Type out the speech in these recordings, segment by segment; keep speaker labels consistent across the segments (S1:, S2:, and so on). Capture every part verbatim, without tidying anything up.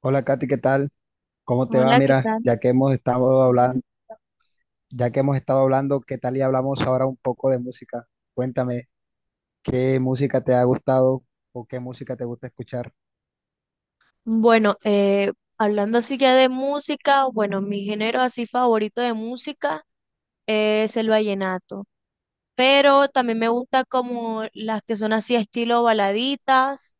S1: Hola Katy, ¿qué tal? ¿Cómo te va?
S2: Hola, ¿qué
S1: Mira,
S2: tal?
S1: ya que hemos estado hablando, ya que hemos estado hablando, ¿qué tal y hablamos ahora un poco de música? Cuéntame, ¿qué música te ha gustado o qué música te gusta escuchar?
S2: Bueno, eh, hablando así ya de música, bueno, mi género así favorito de música es el vallenato, pero también me gusta como las que son así estilo baladitas,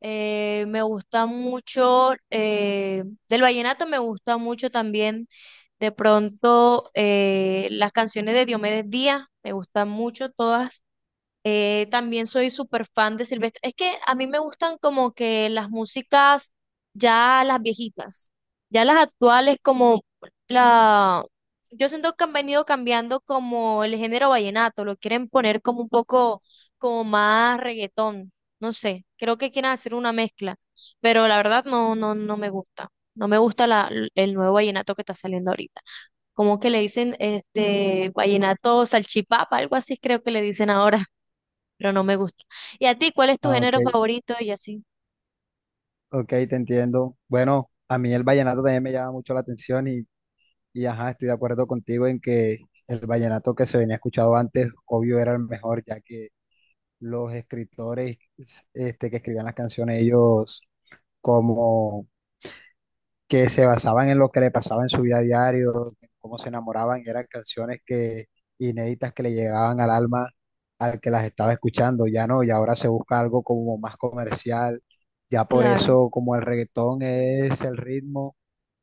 S2: eh, me gusta mucho, eh, del vallenato me gusta mucho también de pronto eh, las canciones de Diomedes Díaz, me gustan mucho todas. Eh, también soy súper fan de Silvestre. Es que a mí me gustan como que las músicas, ya las viejitas, ya las actuales como la... Yo siento que han venido cambiando como el género vallenato, lo quieren poner como un poco como más reggaetón, no sé, creo que quieren hacer una mezcla, pero la verdad no, no, no me gusta. No me gusta la, el nuevo vallenato que está saliendo ahorita. Como que le dicen este vallenato salchipapa, algo así creo que le dicen ahora, pero no me gusta. ¿Y a ti cuál es tu
S1: Ah, ok,
S2: género favorito? Y así,
S1: ok, te entiendo. Bueno, a mí el vallenato también me llama mucho la atención y, y ajá, estoy de acuerdo contigo en que el vallenato que se venía escuchado antes, obvio, era el mejor, ya que los escritores este, que escribían las canciones, ellos como que se basaban en lo que le pasaba en su vida diario, en cómo se enamoraban, y eran canciones que inéditas que le llegaban al alma al que las estaba escuchando, ya no, y ahora se busca algo como más comercial, ya por
S2: claro,
S1: eso como el reggaetón es el ritmo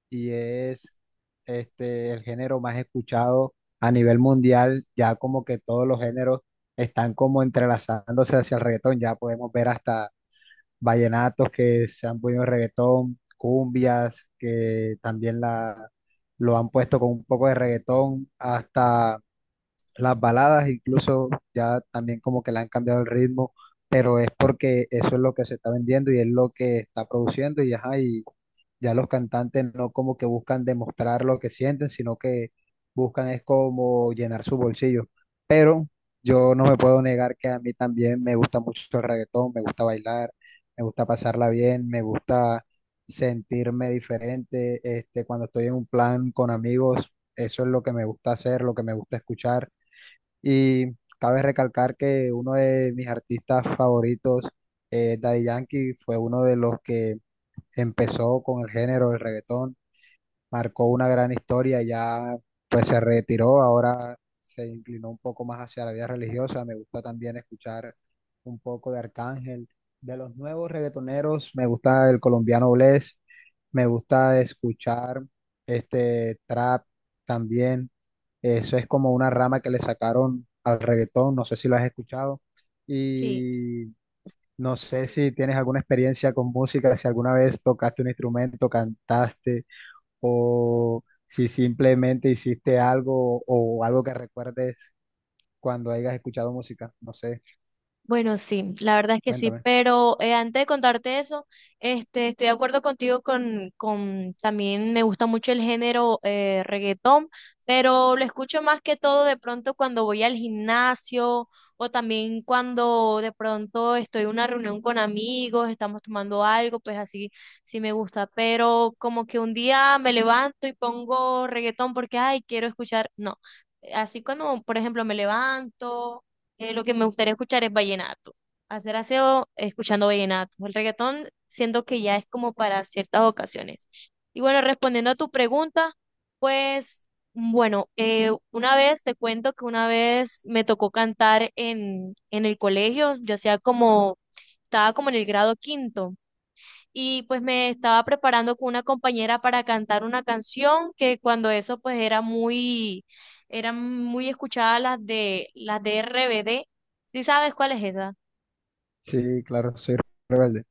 S1: y es este el género más escuchado a nivel mundial, ya como que todos los géneros están como entrelazándose hacia el reggaetón, ya podemos ver hasta vallenatos que se han podido en reggaetón, cumbias que también la, lo han puesto con un poco de reggaetón, hasta las baladas incluso ya también como que le han cambiado el ritmo, pero es porque eso es lo que se está vendiendo y es lo que está produciendo y ajá, y ya los cantantes no como que buscan demostrar lo que sienten, sino que buscan es como llenar su bolsillo. Pero yo no me puedo negar que a mí también me gusta mucho el reggaetón, me gusta bailar, me gusta pasarla bien, me gusta sentirme diferente, este, cuando estoy en un plan con amigos, eso es lo que me gusta hacer, lo que me gusta escuchar y cabe recalcar que uno de mis artistas favoritos, eh, Daddy Yankee, fue uno de los que empezó con el género del reggaetón, marcó una gran historia, ya pues se retiró, ahora se inclinó un poco más hacia la vida religiosa. Me gusta también escuchar un poco de Arcángel. De los nuevos reggaetoneros, me gusta el colombiano Bless, me gusta escuchar este trap también. Eso es como una rama que le sacaron al reggaetón, no sé si lo has escuchado.
S2: sí.
S1: Y no sé si tienes alguna experiencia con música, si alguna vez tocaste un instrumento, cantaste, o si simplemente hiciste algo o algo que recuerdes cuando hayas escuchado música. No sé,
S2: Bueno, sí, la verdad es que sí,
S1: cuéntame.
S2: pero eh, antes de contarte eso, este, estoy de acuerdo contigo con, con también me gusta mucho el género eh, reggaetón, pero lo escucho más que todo de pronto cuando voy al gimnasio o también cuando de pronto estoy en una reunión con amigos, estamos tomando algo, pues así sí me gusta, pero como que un día me levanto y pongo reggaetón porque, ay, quiero escuchar, no, así cuando, por ejemplo, me levanto, eh, lo que me gustaría escuchar es vallenato. Hacer aseo escuchando vallenato. El reggaetón siento que ya es como para ciertas ocasiones. Y bueno, respondiendo a tu pregunta, pues bueno, eh, una vez te cuento que una vez me tocó cantar en, en el colegio, yo hacía como, estaba como en el grado quinto y pues me estaba preparando con una compañera para cantar una canción que cuando eso pues era muy, eran muy escuchadas las de, las de R B D. ¿Sí sabes cuál es esa?
S1: Sí, claro, soy rebelde.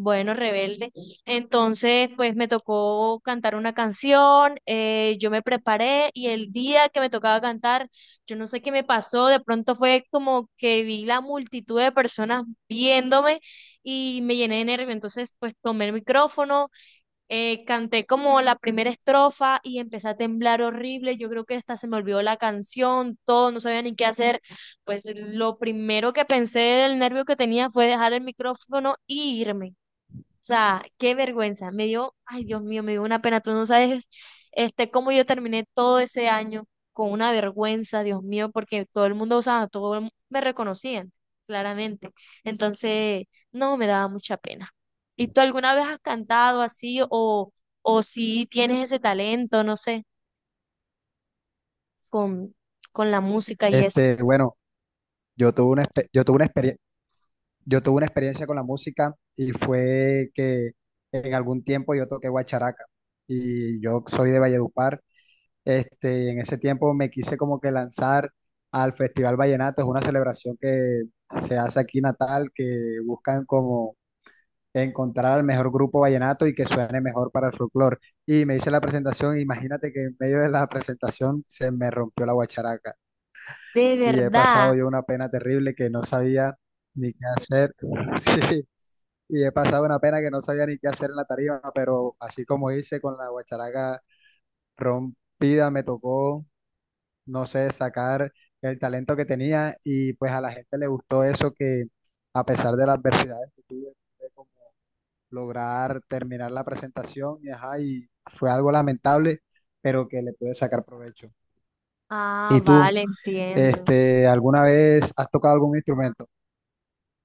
S2: Bueno, Rebelde. Entonces, pues me tocó cantar una canción, eh, yo me preparé y el día que me tocaba cantar, yo no sé qué me pasó, de pronto fue como que vi la multitud de personas viéndome y me llené de nervio. Entonces, pues tomé el micrófono. Eh, canté como la primera estrofa y empecé a temblar horrible. Yo creo que hasta se me olvidó la canción, todo, no sabía ni qué hacer. Pues lo primero que pensé del nervio que tenía fue dejar el micrófono e irme. O sea, qué vergüenza. Me dio, ay Dios mío, me dio una pena. Tú no sabes, este, cómo yo terminé todo ese año con una vergüenza, Dios mío, porque todo el mundo, o sea, todo el mu- me reconocían, claramente. Entonces, no, me daba mucha pena. ¿Y tú alguna vez has cantado así o, o si tienes ese talento, no sé, con, con la música y eso?
S1: Este, bueno, yo tuve una, expe- yo tuve una experiencia. Yo tuve una experiencia con la música y fue que en algún tiempo yo toqué guacharaca y yo soy de Valledupar. Este, en ese tiempo me quise como que lanzar al Festival Vallenato, es una celebración que se hace aquí en Natal, que buscan como encontrar al mejor grupo vallenato y que suene mejor para el folclore. Y me hice la presentación, imagínate que en medio de la presentación se me rompió la guacharaca
S2: De
S1: y he pasado
S2: verdad.
S1: yo una pena terrible que no sabía ni qué hacer. Sí y he pasado una pena que no sabía ni qué hacer en la tarima, pero así como hice con la guacharaca rompida, me tocó, no sé, sacar el talento que tenía y pues a la gente le gustó eso que a pesar de las adversidades que tuve, pude como lograr terminar la presentación y, ajá, y fue algo lamentable, pero que le pude sacar provecho.
S2: Ah,
S1: ¿Y tú,
S2: vale, entiendo.
S1: este, alguna vez has tocado algún instrumento?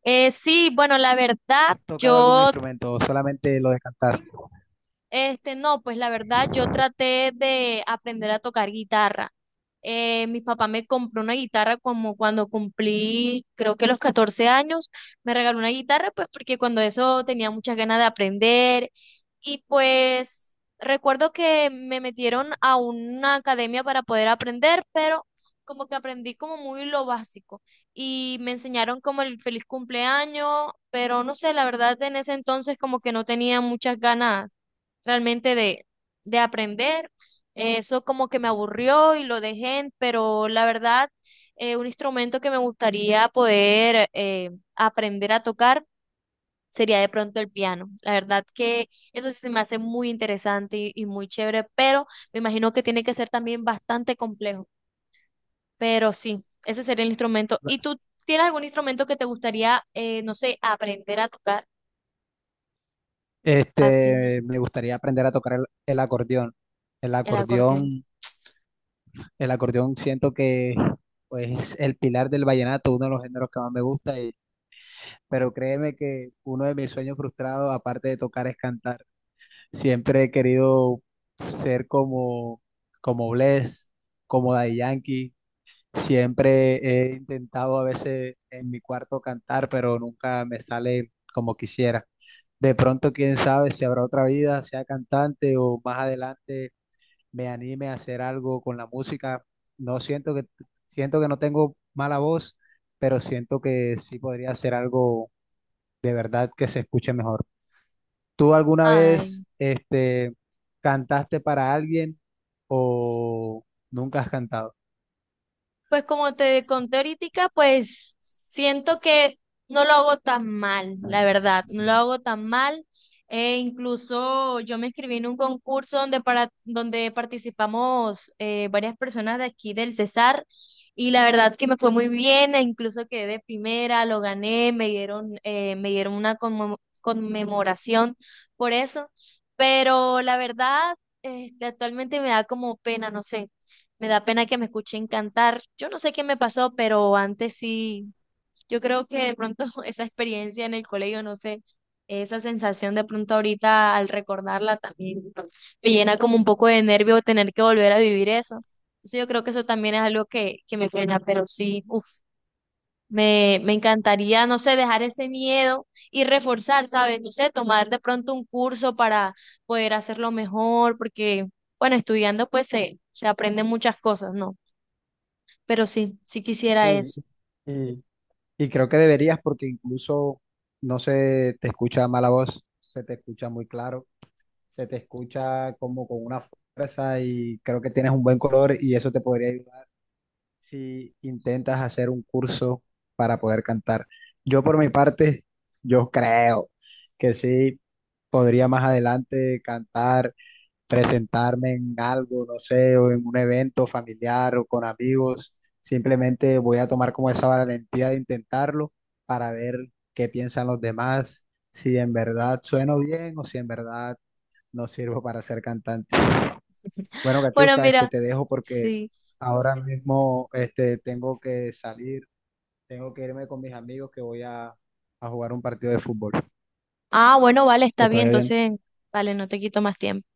S2: Eh, sí, bueno, la verdad,
S1: ¿Has tocado algún
S2: yo.
S1: instrumento o solamente lo de cantar?
S2: Este, no, pues la verdad, yo traté de aprender a tocar guitarra. Eh, mi papá me compró una guitarra como cuando cumplí, creo que los catorce años, me regaló una guitarra, pues porque cuando eso tenía muchas ganas de aprender. Y pues recuerdo que me metieron a una academia para poder aprender, pero como que aprendí como muy lo básico. Y me enseñaron como el feliz cumpleaños, pero no sé, la verdad en ese entonces como que no tenía muchas ganas realmente de, de aprender. Eh, Eso como que me aburrió y lo dejé, pero la verdad, eh, un instrumento que me gustaría poder eh, aprender a tocar sería de pronto el piano. La verdad que eso sí se me hace muy interesante y, y muy chévere, pero me imagino que tiene que ser también bastante complejo. Pero sí, ese sería el instrumento. ¿Y tú tienes algún instrumento que te gustaría, eh, no sé, aprender a tocar? Así,
S1: Este, me gustaría aprender a tocar el, el acordeón. El
S2: el acordeón.
S1: acordeón, el acordeón siento que pues, es el pilar del vallenato, uno de los géneros que más me gusta. Y- pero créeme que uno de mis sueños frustrados, aparte de tocar, es cantar. Siempre he querido ser como, como Bless, como Daddy Yankee. Siempre he intentado a veces en mi cuarto cantar, pero nunca me sale como quisiera. De pronto, quién sabe si habrá otra vida, sea cantante o más adelante me anime a hacer algo con la música. No siento que siento que no tengo mala voz, pero siento que sí podría hacer algo de verdad que se escuche mejor. ¿Tú alguna
S2: Ay.
S1: vez este cantaste para alguien o nunca has cantado?
S2: Pues como te conté ahorita, pues siento que no lo hago tan mal, la verdad, no lo hago tan mal. Eh, incluso yo me inscribí en un concurso donde, para, donde participamos eh, varias personas de aquí del Cesar y la verdad que me fue muy bien, e incluso quedé de primera, lo gané, me dieron, eh, me dieron una conmo- conmemoración por eso, pero la verdad, este, actualmente me da como pena, no sé. Me da pena que me escuchen cantar. Yo no sé qué me pasó, pero antes sí, yo creo que de pronto esa experiencia en el colegio, no sé, esa sensación de pronto ahorita al recordarla también, ¿no? Me llena como un poco de nervio tener que volver a vivir eso. Entonces yo creo que eso también es algo que, que me pena, pero sí, uff, me, me encantaría, no sé, dejar ese miedo y reforzar, ¿sabes? No sé, tomar de pronto un curso para poder hacerlo mejor, porque, bueno, estudiando pues se, se aprenden muchas cosas, ¿no? Pero sí, sí quisiera
S1: Sí,
S2: eso.
S1: y y creo que deberías porque incluso no se te escucha mala voz, se te escucha muy claro, se te escucha como con una fuerza y creo que tienes un buen color y eso te podría ayudar si intentas hacer un curso para poder cantar. Yo por mi parte, yo creo que sí podría más adelante cantar presentarme en algo, no sé, o en un evento familiar o con amigos. Simplemente voy a tomar como esa valentía de intentarlo para ver qué piensan los demás, si en verdad sueno bien o si en verdad no sirvo para ser cantante. Bueno,
S2: Bueno,
S1: Katiuska, este
S2: mira,
S1: te dejo porque
S2: sí.
S1: ahora mismo este tengo que salir, tengo que irme con mis amigos que voy a, a jugar un partido de fútbol.
S2: Ah, bueno, vale, está
S1: Que te
S2: bien.
S1: vaya bien.
S2: Entonces, vale, no te quito más tiempo.